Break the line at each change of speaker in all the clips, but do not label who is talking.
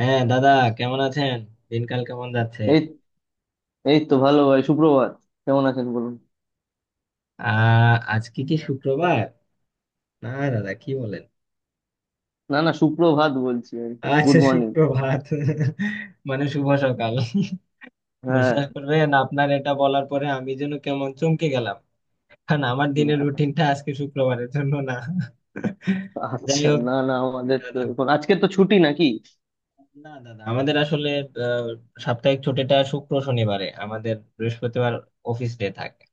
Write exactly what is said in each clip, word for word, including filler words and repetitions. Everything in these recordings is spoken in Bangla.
হ্যাঁ দাদা, কেমন আছেন? দিনকাল কেমন যাচ্ছে?
এই এই তো ভালো ভাই, সুপ্রভাত। কেমন আছেন বলুন?
আহ আজকে কি শুক্রবার? না দাদা কি বলেন।
না না, সুপ্রভাত বলছি আর কি, গুড
আচ্ছা,
মর্নিং।
সুপ্রভাত। মানে শুভ সকাল।
হ্যাঁ।
বিশ্বাস করবেন, আপনার এটা বলার পরে আমি যেন কেমন চমকে গেলাম, কারণ আমার দিনের
না,
রুটিনটা আজকে শুক্রবারের জন্য না। যাই
আচ্ছা
হোক
না না, আমাদের তো
দাদা।
এখন আজকে তো ছুটি নাকি?
না দাদা, আমাদের আসলে আহ, সাপ্তাহিক ছুটিটা শুক্র শনিবারে, আমাদের বৃহস্পতিবার অফিস ডে থাকে।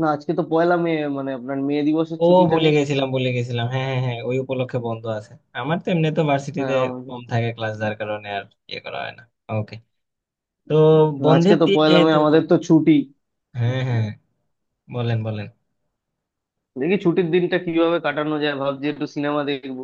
না, আজকে তো পয়লা মে, মানে আপনার মে দিবসের
ও,
ছুটিটা
ভুলে
নেই?
গেছিলাম, ভুলে গেছিলাম, হ্যাঁ হ্যাঁ হ্যাঁ, ওই উপলক্ষে বন্ধ আছে। আমার তো এমনি তো
হ্যাঁ
ভার্সিটিতে
আমাদের।
কম থাকে ক্লাস, যার কারণে আর ইয়ে করা হয় না। ওকে। তো
না, আজকে
বন্ধের
তো
দিন
পয়লা মে,
যেহেতু,
আমাদের তো ছুটি।
হ্যাঁ হ্যাঁ, বলেন বলেন।
দেখি ছুটির দিনটা কিভাবে কাটানো যায়, ভাবছি একটু সিনেমা দেখবো।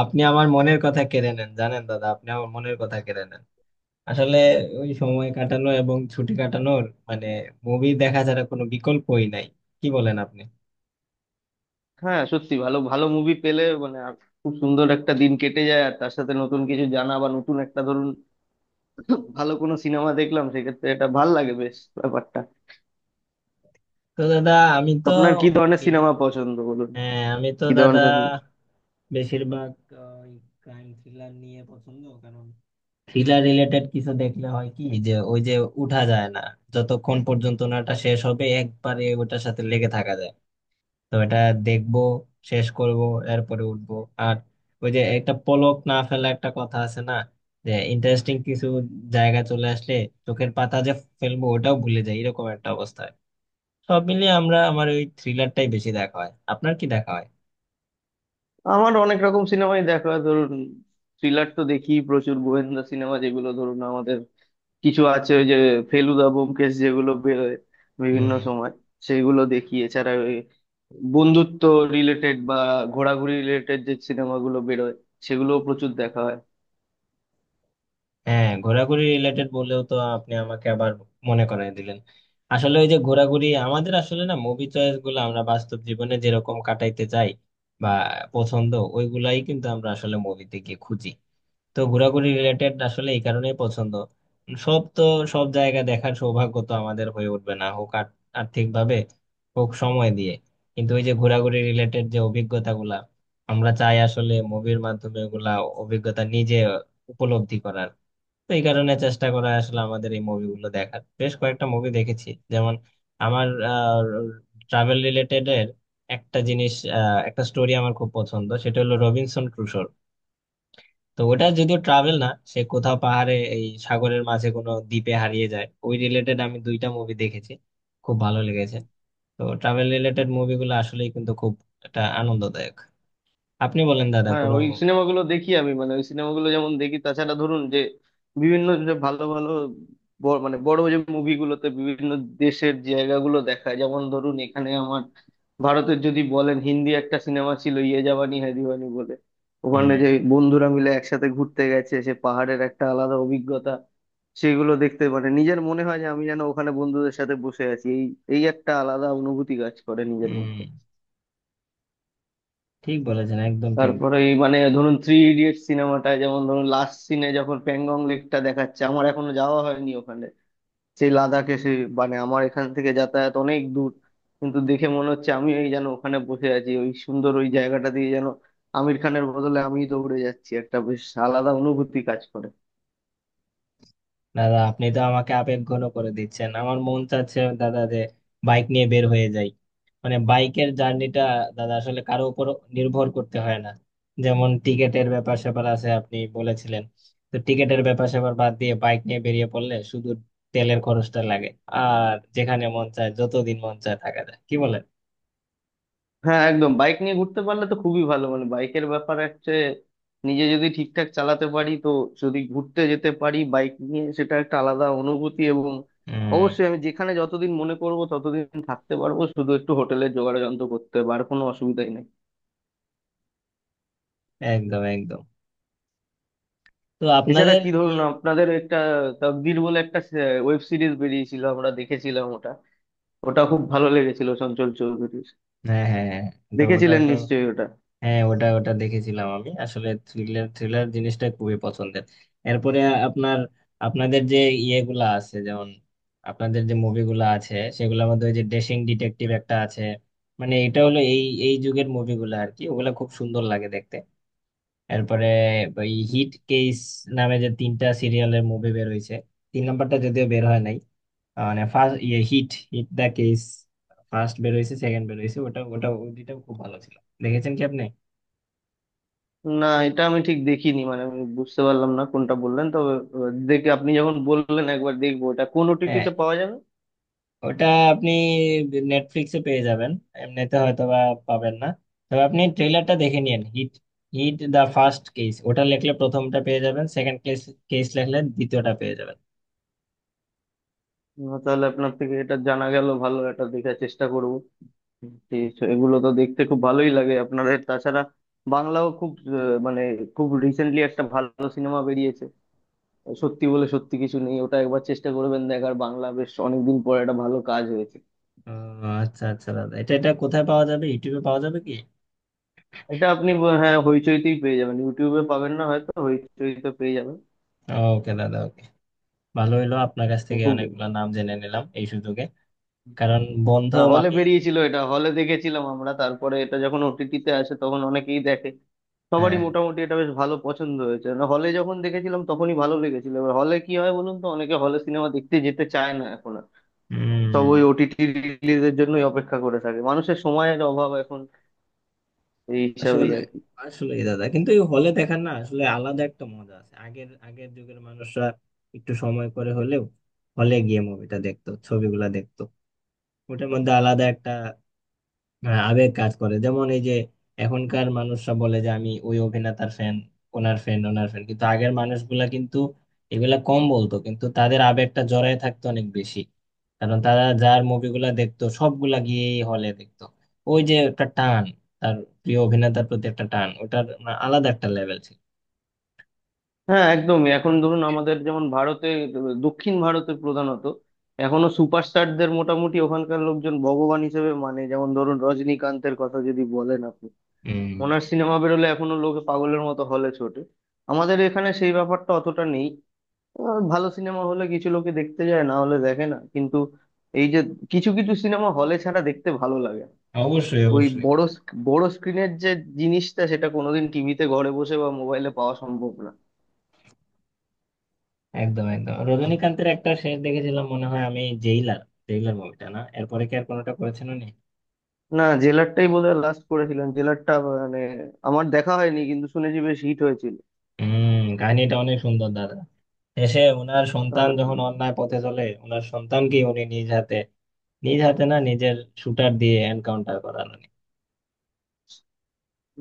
আপনি আমার মনের কথা কেড়ে নেন, জানেন দাদা, আপনি আমার মনের কথা কেড়ে নেন। আসলে ওই সময় কাটানো এবং ছুটি কাটানোর মানে মুভি দেখা ছাড়া কোনো বিকল্পই নাই, কি বলেন আপনি?
হ্যাঁ সত্যি, ভালো ভালো মুভি পেলে মানে আর খুব সুন্দর একটা দিন কেটে যায়, আর তার সাথে নতুন কিছু জানা, বা নতুন একটা, ধরুন, ভালো কোনো সিনেমা দেখলাম, সেক্ষেত্রে এটা ভাল লাগে বেশ, ব্যাপারটা।
তো দাদা, আমি তো
আপনার কি ধরনের সিনেমা
বিভিন্ন,
পছন্দ বলুন?
হ্যাঁ আমি তো
কি
দাদা
ধরনের?
বেশিরভাগ আহ, ওই ক্রাইম থ্রিলার নিয়ে পছন্দ, কারণ থ্রিলার রিলেটেড কিছু দেখলে হয় কি, যে ওই যে উঠা যায় না, যতক্ষণ পর্যন্ত নাটা শেষ হবে একবারে ওটার সাথে লেগে থাকা যায়। তো এটা দেখবো, শেষ করব, এরপরে উঠবো। আর ওই যে একটা পলক না ফেলা একটা কথা আছে না, যে ইন্টারেস্টিং কিছু জায়গা চলে আসলে চোখের পাতা যে ফেলবো ওটাও ভুলে যাই, এরকম একটা অবস্থা হয়। সব মিলিয়ে আমরা আমার ওই থ্রিলারটাই বেশি দেখা হয়, আপনার কি দেখা
আমার অনেক রকম সিনেমাই দেখা হয়, ধরুন থ্রিলার তো দেখি প্রচুর, গোয়েন্দা সিনেমা, যেগুলো ধরুন আমাদের কিছু আছে ওই যে ফেলুদা ব্যোমকেশ যেগুলো বেরোয় বিভিন্ন
হয়?
সময়, সেগুলো দেখি। এছাড়া ওই বন্ধুত্ব রিলেটেড বা ঘোরাঘুরি রিলেটেড যে সিনেমাগুলো বেরোয় সেগুলো প্রচুর দেখা হয়।
হ্যাঁ, ঘোরাঘুরি রিলেটেড বলেও তো আপনি আমাকে আবার মনে করায় দিলেন। আসলে ওই যে ঘোরাঘুরি, আমাদের আসলে না মুভি চয়েস গুলো আমরা বাস্তব জীবনে যেরকম কাটাইতে চাই বা পছন্দ, ওইগুলাই কিন্তু আমরা আসলে মুভিতে গিয়ে খুঁজি। তো ঘোরাঘুরি রিলেটেড আসলে এই কারণেই পছন্দ। সব তো, সব জায়গা দেখার সৌভাগ্য তো আমাদের হয়ে উঠবে না, হোক আর আর্থিক ভাবে, হোক সময় দিয়ে। কিন্তু ওই যে ঘোরাঘুরি রিলেটেড যে অভিজ্ঞতা গুলা, আমরা চাই আসলে মুভির মাধ্যমে ওগুলা অভিজ্ঞতা নিজে উপলব্ধি করার। তো এই কারণে চেষ্টা করা আসলে আমাদের এই মুভিগুলো দেখার। বেশ কয়েকটা মুভি দেখেছি যেমন, আমার ট্রাভেল রিলেটেড এর একটা জিনিস, আহ, একটা স্টোরি আমার খুব পছন্দ, সেটা হলো রবিনসন ক্রুশোর। তো ওটা যদিও ট্রাভেল না, সে কোথাও পাহাড়ে এই সাগরের মাঝে কোনো দ্বীপে হারিয়ে যায়, ওই রিলেটেড আমি দুইটা মুভি দেখেছি, খুব ভালো লেগেছে। তো ট্রাভেল রিলেটেড মুভিগুলো আসলেই কিন্তু খুব একটা আনন্দদায়ক। আপনি বলেন দাদা,
হ্যাঁ
কোনো
ওই সিনেমাগুলো দেখি আমি, মানে ওই সিনেমাগুলো যেমন দেখি, তাছাড়া ধরুন যে বিভিন্ন যে ভালো ভালো ব- মানে বড় যে মুভিগুলোতে বিভিন্ন দেশের জায়গাগুলো দেখায়, যেমন ধরুন এখানে আমার, ভারতের যদি বলেন হিন্দি একটা সিনেমা ছিল ইয়ে জাবানি হ্যায় দিওয়ানি বলে,
উম
ওখানে যে বন্ধুরা মিলে একসাথে ঘুরতে গেছে, সে পাহাড়ের একটা আলাদা অভিজ্ঞতা, সেগুলো দেখতে মানে নিজের মনে হয় যে আমি যেন ওখানে বন্ধুদের সাথে বসে আছি, এই এই একটা আলাদা অনুভূতি কাজ করে নিজের মধ্যে।
উম, ঠিক বলেছেন, একদম ঠিক।
তারপরে এই মানে ধরুন থ্রি ইডিয়ট সিনেমাটা, যেমন ধরুন লাস্ট সিনে যখন প্যাংগং লেকটা দেখাচ্ছে, আমার এখনো যাওয়া হয়নি ওখানে, সেই লাদাখে সে, মানে আমার এখান থেকে যাতায়াত অনেক দূর, কিন্তু দেখে মনে হচ্ছে আমি এই যেন ওখানে বসে আছি, ওই সুন্দর ওই জায়গাটা দিয়ে যেন আমির খানের বদলে আমিই দৌড়ে যাচ্ছি, একটা বেশ আলাদা অনুভূতি কাজ করে।
দাদা আপনি তো আমাকে আবেগঘন করে দিচ্ছেন, আমার মন চাচ্ছে দাদা যে বাইক নিয়ে বের হয়ে যাই। মানে বাইকের জার্নিটা দাদা আসলে কারো উপর নির্ভর করতে হয় না। যেমন টিকেটের ব্যাপার স্যাপার আছে আপনি বলেছিলেন, তো টিকেটের ব্যাপার স্যাপার বাদ দিয়ে বাইক নিয়ে বেরিয়ে পড়লে শুধু তেলের খরচটা লাগে, আর যেখানে মন চায় যতদিন মন চায় থাকা যায়, কি বলেন?
হ্যাঁ একদম, বাইক নিয়ে ঘুরতে পারলে তো খুবই ভালো, মানে বাইকের ব্যাপার হচ্ছে নিজে যদি ঠিকঠাক চালাতে পারি তো, যদি ঘুরতে যেতে পারি বাইক নিয়ে সেটা একটা আলাদা অনুভূতি, এবং
হম,
অবশ্যই আমি যেখানে যতদিন মনে করব ততদিন থাকতে পারবো, শুধু একটু হোটেলের জোগাড় যন্ত্র করতে হবে, আর কোনো অসুবিধাই নেই।
একদম একদম। তো
এছাড়া
আপনাদের
কি ধরুন
ইয়ে,
আপনাদের একটা তকদির বলে একটা ওয়েব সিরিজ বেরিয়েছিল, আমরা দেখেছিলাম ওটা, ওটা খুব ভালো লেগেছিল চঞ্চল চৌধুরীর,
হ্যাঁ হ্যাঁ হ্যাঁ, তো ওটা
দেখেছিলেন
ওটা
নিশ্চয়ই ওটা।
হ্যাঁ, ওটা ওটা দেখেছিলাম। আমি আসলে থ্রিলার, থ্রিলার জিনিসটা খুবই পছন্দের। এরপরে আপনার, আপনাদের যে ইয়েগুলা আছে যেমন, আপনাদের যে মুভিগুলা আছে সেগুলোর মধ্যে ওই যে ডেসিং ডিটেকটিভ একটা আছে, মানে এটা হলো এই এই যুগের মুভিগুলা আর কি, ওগুলা খুব সুন্দর লাগে দেখতে। এরপরে ওই হিট কেস নামে যে তিনটা সিরিয়ালের মুভি বের হয়েছে, তিন নাম্বারটা যদিও বের হয় নাই। আহ, মানে ফার্স্ট ইয়ে hit, hit the case first বের হয়েছে, সেকেন্ড বের হয়েছে, ওটা ওটা ওই দুইটাও খুব ভালো ছিল। দেখেছেন কি আপনি?
না এটা আমি ঠিক দেখিনি, মানে আমি বুঝতে পারলাম না কোনটা বললেন, তবে আহ, দেখে, আপনি যখন বললেন, একবার দেখবো, এটা কোন
হ্যাঁ,
ওটিটিতে পাওয়া যাবে?
ওটা আপনি নেটফ্লিক্সে পেয়ে যাবেন। এমনিতে হয়তো বা পাবেন না, তবে আপনি ট্রেলারটা দেখে নিন। Hit, hit the first case ওটা লিখলে প্রথমটা পেয়ে যাবেন, সেকেন্ড কেস, কেস লিখলে দ্বিতীয়টা পেয়ে যাবেন।
না, তাহলে আপনার থেকে এটা জানা গেল ভালো, এটা দেখার চেষ্টা করবো। ঠিক আছে, এগুলো তো দেখতে খুব ভালোই লাগে আপনাদের। তাছাড়া বাংলাও খুব আহ, মানে খুব রিসেন্টলি একটা ভালো সিনেমা বেরিয়েছে, সত্যি বলে সত্যি কিছু নেই, ওটা একবার চেষ্টা করবেন দেখার, বাংলা বেশ অনেকদিন পর একটা ভালো কাজ হয়েছে।
আহ, আচ্ছা আচ্ছা দাদা, এটা এটা কোথায় পাওয়া যাবে, ইউটিউবে পাওয়া যাবে কি?
এটা আপনি আহ, হ্যাঁ, হইচইতেই পেয়ে যাবেন, ইউটিউবে পাবেন না হয়তো, হইচইতে পেয়ে যাবেন।
ওকে দাদা, ওকে। ভালো হইলো, আপনার কাছ থেকে
খুব,
অনেকগুলো নাম জেনে নিলাম এই সুযোগে, কারণ বন্ধ
না হলে
মানেই তো-
বেরিয়েছিল এটা, হলে দেখেছিলাম আমরা, তারপরে এটা যখন ওটিটিতে আসে তখন অনেকেই দেখে, সবারই
হ্যাঁ,
মোটামুটি এটা বেশ ভালো পছন্দ হয়েছে, না হলে যখন দেখেছিলাম তখনই ভালো লেগেছিল, এবার হলে কি হয় বলুন তো, অনেকে হলে সিনেমা দেখতে যেতে চায় না এখন আর, সব ওই
হম।
ওটিটি রিলিজের জন্যই অপেক্ষা করে থাকে, মানুষের সময়ের অভাব এখন, এই হিসাবেই
আসলে,
আর কি।
আসলে দাদা কিন্তু এই হলে দেখার না, আসলে আলাদা একটা মজা আছে। আগের, আগের যুগের মানুষরা একটু সময় করে হলেও হলে গিয়ে মুভিটা দেখতো, ছবিগুলা দেখতো। ওটার মধ্যে আলাদা একটা, হ্যাঁ, আবেগ কাজ করে। যেমন এই যে এখনকার মানুষরা বলে যে আমি ওই অভিনেতার ফ্যান, ওনার ফ্যান, ওনার ফ্যান, কিন্তু আগের মানুষগুলা কিন্তু এগুলা কম বলতো, কিন্তু তাদের আবেগটা জড়ায় থাকতো অনেক বেশি, কারণ তারা যার মুভিগুলা দেখতো সবগুলা গিয়েই হলে দেখতো। ওই যে একটা টান, তার প্রিয় অভিনেতার প্রতি একটা টান, ওটার মানে আলাদা একটা লেভেল ছিল।
হ্যাঁ একদমই, এখন ধরুন আমাদের যেমন ভারতে, দক্ষিণ ভারতে প্রধানত, এখনো সুপারস্টারদের মোটামুটি ওখানকার লোকজন ভগবান হিসেবে, মানে যেমন ধরুন রজনীকান্তের কথা যদি বলেন আপনি,
হম,
ওনার সিনেমা বেরোলে এখনো লোকে পাগলের মতো হলে ছোটে, আমাদের এখানে সেই ব্যাপারটা অতটা নেই। আহ, ভালো সিনেমা হলে কিছু লোকে দেখতে যায়, না হলে দেখে না, কিন্তু এই যে কিছু কিছু সিনেমা হলে ছাড়া দেখতে ভালো লাগে না।
অবশ্যই
ওই
অবশ্যই।
বড় স্ক- বড় স্ক্রিনের যে জিনিসটা সেটা কোনোদিন টিভিতে ঘরে বসে বা মোবাইলে পাওয়া সম্ভব না।
একদম একদম, রজনীকান্তের একটা শেষ দেখেছিলাম মনে হয় আমি, জেইলার, জেইলার মুভিটা না? এরপরে কি আর কোনোটা করেছেন উনি?
না, জেলারটাই বোধহয় লাস্ট করেছিলাম, জেলারটা মানে আমার দেখা হয়নি, কিন্তু শুনেছি বেশ হিট হয়েছিল।
হুম, কাহিনীটা অনেক সুন্দর দাদা। শেষে ওনার সন্তান
তাহলে
যখন অন্যায় পথে চলে, ওনার সন্তানকে উনি নিজ হাতে, নিজ হাতে না, নিজের শুটার দিয়ে এনকাউন্টার করানো,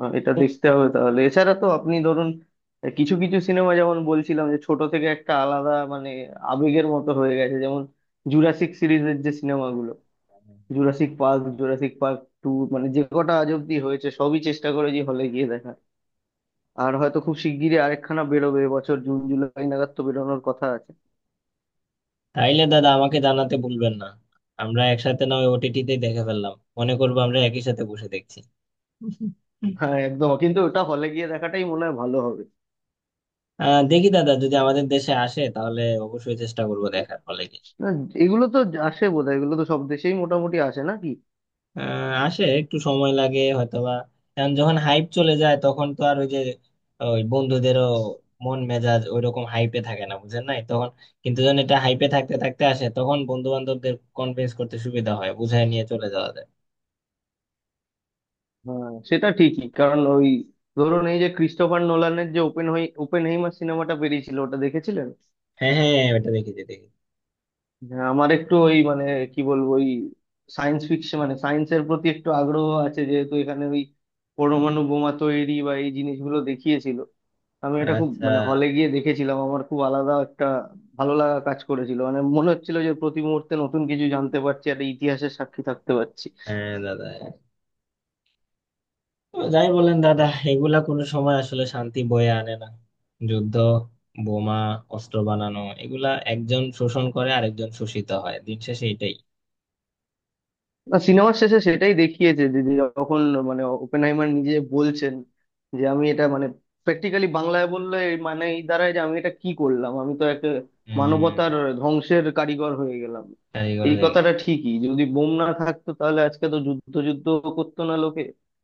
আহ, এটা
খুব।
দেখতে হবে তাহলে। এছাড়া তো আপনি ধরুন আহ, কিছু কিছু সিনেমা যেমন বলছিলাম, যে ছোট থেকে একটা আলাদা মানে আবেগের মতো হয়ে গেছে, যেমন জুরাসিক সিরিজের যে সিনেমাগুলো, Jurassic Park, Jurassic Park two, মানে যে কটা আজ অব্দি হয়েছে সবই চেষ্টা করেছি হলে গিয়ে দেখা, আর হয়তো খুব শিগগিরই আরেকখানা বেরোবে, এবছর জুন জুলাই নাগাদ তো বেরোনোর কথা আছে।
তাইলে দাদা আমাকে জানাতে ভুলবেন না, আমরা একসাথে না ওই ওটিটিতে দেখে ফেললাম, মনে করবো আমরা একই সাথে বসে দেখছি।
হ্যাঁ একদম, কিন্তু ওটা হলে গিয়ে দেখাটাই মনে হয় ভালো হবে।
আহ দেখি দাদা, যদি আমাদের দেশে আসে তাহলে অবশ্যই চেষ্টা করবো দেখার ফলে।
না, এগুলো তো আসে বোধহয়, এগুলো তো সব দেশেই মোটামুটি আসে নাকি।
আহ, আসে, একটু সময় লাগে হয়তোবা, কারণ যখন হাইপ চলে যায় তখন তো আর ওই যে ওই বন্ধুদেরও মন মেজাজ ওই রকম হাইপে থাকে না, বুঝেন নাই, তখন। কিন্তু যখন এটা হাইপে থাকতে থাকতে আসে তখন বন্ধু বান্ধবদের কনভিন্স করতে সুবিধা হয়, বুঝায় নিয়ে চলে যাওয়া যায়।
হ্যাঁ সেটা ঠিকই, কারণ ওই ধরুন এই যে ক্রিস্টোফার নোলানের যে ওপেন ওপেনহেইমার সিনেমাটা বেরিয়েছিল ওটা দেখেছিলেন।
হ্যাঁ হ্যাঁ, ওটা দেখেছি, দেখি।
হ্যাঁ, আমার একটু ওই মানে কি বলবো ওই সায়েন্স ফিকশন মানে সায়েন্সের প্রতি একটু আগ্রহ আছে যেহেতু, এখানে ওই পরমাণু বোমা তৈরি বা এই জিনিসগুলো দেখিয়েছিল, আমি এটা খুব
আচ্ছা।
মানে হলে গিয়ে দেখেছিলাম, আমার খুব আলাদা একটা ভালো লাগা কাজ করেছিল, মানে মনে হচ্ছিল যে প্রতি মুহূর্তে নতুন কিছু জানতে পারছি আর ইতিহাসের সাক্ষী থাকতে পারছি।
হ্যাঁ দাদা, তো যাই বলেন দাদা, এগুলা কোনো সময় আসলে শান্তি বয়ে আনে না। যুদ্ধ, বোমা, অস্ত্র বানানো, এগুলা একজন শোষণ করে আরেকজন শোষিত হয়, দিন শেষে এটাই।
না সিনেমার শেষে সেটাই দেখিয়েছে যে যে যখন মানে ওপেনহাইমার নিজে বলছেন যে আমি এটা মানে প্র্যাকটিক্যালি বাংলায় বললে এর মানে এই দাঁড়ায় যে আমি এটা কি করলাম, আমি তো একটা
হম।
মানবতার ধ্বংসের কারিগর হয়ে গেলাম।
কারিগর
এই
হয়ে গেলাম।
কথাটা ঠিকই, যদি বোম না থাকতো তাহলে আজকে তো যুদ্ধ যুদ্ধ করতো না লোকে,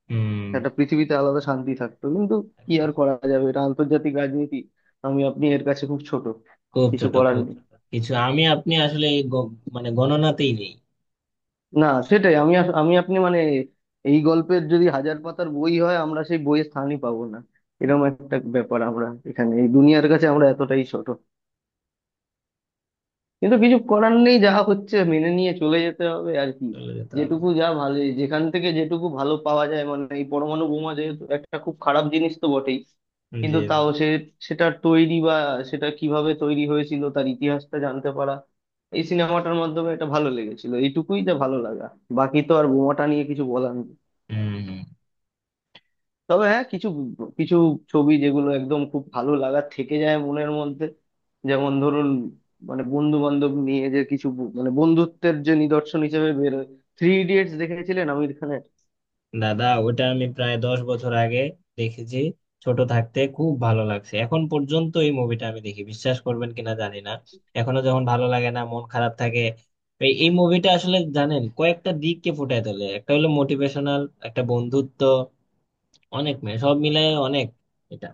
হুম।
একটা পৃথিবীতে আলাদা শান্তি থাকতো, কিন্তু কি
একদম।
আর করা যাবে, এটা আন্তর্জাতিক রাজনীতি, আমি আপনি এর কাছে খুব ছোট,
খুব
কিছু
ছোট,
করার
খুব
নেই।
ছোট কিছু, আমি আপনি আসলে এই গ- মানে গণনাতেই নেই।
না সেটাই, আমি আস- আমি আপনি মানে এই গল্পের যদি হাজার পাতার বই হয় আমরা সেই বইয়ের স্থানই পাবো না, এরকম একটা ব্যাপার, আমরা এখানে এই দুনিয়ার কাছে আমরা এতটাই ছোট, কিন্তু কিছু করার নেই, যা হচ্ছে মেনে নিয়ে চলে যেতে হবে আর কি।
চলে যেতে হবে।
যেটুকু যা ভালো, যেখান থেকে যেটুকু ভালো পাওয়া যায়, মানে এই পরমাণু বোমা যেহেতু একটা খুব খারাপ জিনিস তো বটেই, কিন্তু
জি।
তাও সে, সেটা তৈরি বা সেটা কিভাবে তৈরি হয়েছিল তার ইতিহাসটা জানতে পারা এই সিনেমাটার মাধ্যমে, এটা ভালো লেগেছিল, এইটুকুই যা ভালো লাগা, বাকি তো আর বোমাটা নিয়ে কিছু বলার নেই।
হুম হুম।
তবে হ্যাঁ কিছু কিছু ছবি যেগুলো একদম খুব ভালো লাগা থেকে যায় মনের মধ্যে, যেমন ধরুন মানে বন্ধু বান্ধব নিয়ে যে কিছু ব- মানে বন্ধুত্বের যে নিদর্শন হিসেবে বেরোয়, থ্রি ইডিয়েটস দেখেছিলেন আমির খানের।
দাদা ওটা আমি প্রায় দশ বছর আগে দেখেছি, ছোট থাকতে। খুব ভালো লাগছে, এখন পর্যন্ত এই মুভিটা আমি দেখি, বিশ্বাস করবেন কিনা জানি না। এখনো যখন ভালো লাগে না, মন খারাপ থাকে, এই এই মুভিটা আসলে, জানেন, কয়েকটা দিককে ফুটায় তোলে, একটা হলো মোটিভেশনাল, একটা বন্ধুত্ব, অনেক মেয়ে, সব মিলায় অনেক, এটা,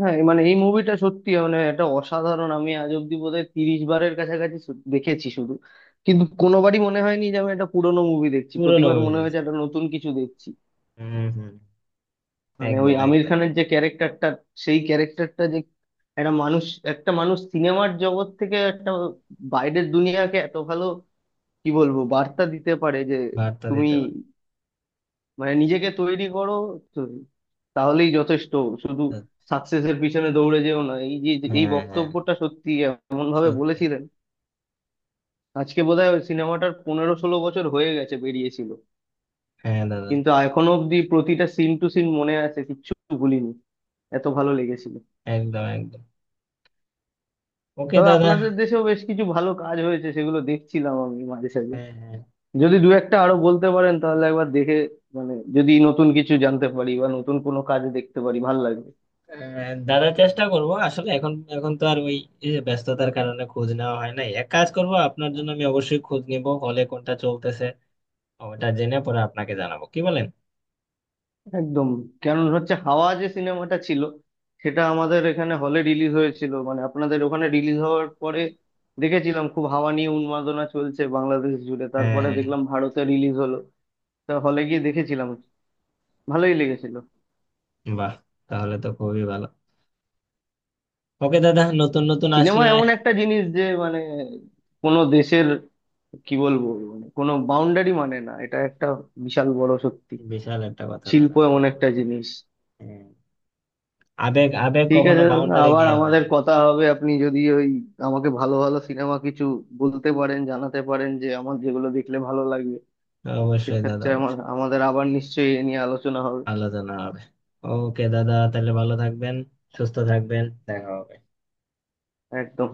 হ্যাঁ এই মানে এই মুভিটা সত্যি মানে এটা অসাধারণ, আমি আজ অব্দি বোধহয় তিরিশ বারের কাছাকাছি সু- দেখেছি শুধু, কিন্তু কোনোবারই মনে হয়নি যে আমি একটা পুরোনো মুভি দেখছি,
পুরনো
প্রতিবার
মুভি
মনে
দেখছি।
হয়েছে একটা নতুন কিছু দেখছি।
হম,
মানে ওই
একদম
আমির
একদম।
খানের যে ক্যারেক্টারটা, সেই ক্যারেক্টারটা যে একটা মানুষ, একটা মানুষ সিনেমার জগৎ থেকে একটা বাইরের দুনিয়াকে এত ভালো কি বলবো বার্তা দিতে পারে যে
বার্তা
তুমি
দিতে পারে,
মানে নিজেকে তৈরি করো তো তাহলেই যথেষ্ট, শুধু
হ্যাঁ
সাকসেসের পিছনে দৌড়ে যেও না, এই যে যে- এই
হ্যাঁ, হ্যাঁ,
বক্তব্যটা সত্যি এমন ভাবে
সত্যি।
বলেছিলেন। আজকে বোধহয় ওই সিনেমাটার পনেরো ষোলো বছর হয়ে গেছে বেরিয়েছিল,
হ্যাঁ দাদা,
কিন্তু এখনো অব্দি প্রতিটা সিন টু সিন মনে আছে, কিচ্ছু ভুলিনি, এত ভালো লেগেছিল।
একদম একদম। ওকে
তবে
দাদা,
আপনাদের দেশেও বেশ কিছু ভালো কাজ হয়েছে সেগুলো দেখছিলাম আমি মাঝে সাঝে,
হ্যাঁ হ্যাঁ,
যদি দু একটা আরো বলতে পারেন তাহলে একবার দেখে, মানে যদি নতুন কিছু জানতে পারি বা নতুন কোনো কাজ দেখতে পারি ভাল লাগবে।
আহ, দাদা চেষ্টা করব আসলে। এখন, এখন তো আর ওই এই যে ব্যস্ততার কারণে খোঁজ নেওয়া হয় নাই। এক কাজ করব, আপনার জন্য আমি অবশ্যই খোঁজ নিব হলে কোনটা চলতেছে, ওটা জেনে পরে আপনাকে জানাবো, কি বলেন?
একদম, কারণ হচ্ছে হাওয়া যে সিনেমাটা ছিল সেটা আমাদের এখানে হলে রিলিজ হয়েছিল, মানে আপনাদের ওখানে রিলিজ হওয়ার পরে দেখেছিলাম খুব হাওয়া নিয়ে উন্মাদনা চলছে বাংলাদেশ জুড়ে,
হ্যাঁ
তারপরে
হ্যাঁ
দেখলাম ভারতে রিলিজ হলো, তা হলে গিয়ে দেখেছিলাম, ভালোই লেগেছিল।
হ্যাঁ, বাহ, তাহলে তো খুবই ভালো। ওকে দাদা, নতুন নতুন
সিনেমা
আসলে,
এমন একটা জিনিস যে মানে কোনো দেশের কি বলবো মানে কোনো বাউন্ডারি মানে না, এটা একটা বিশাল বড় সত্যি,
বিশাল একটা কথা দাদা
শিল্প এমন
আসলে,
একটা জিনিস।
হ্যাঁ, আবেগ, আবেগ
ঠিক
কখনো
আছে,
বাউন্ডারি
আবার
দিয়ে হয়
আমাদের
না।
কথা হবে, আপনি যদি ওই আমাকে ভালো ভালো সিনেমা কিছু বলতে পারেন জানাতে পারেন যে আমার যেগুলো দেখলে ভালো লাগবে,
অবশ্যই দাদা
সেক্ষেত্রে আমার
অবশ্যই।
আমাদের আবার নিশ্চয়ই এ নিয়ে আলোচনা হবে,
আলোচনা হবে। ওকে দাদা, তাহলে ভালো থাকবেন, সুস্থ থাকবেন, দেখা হবে।
একদম।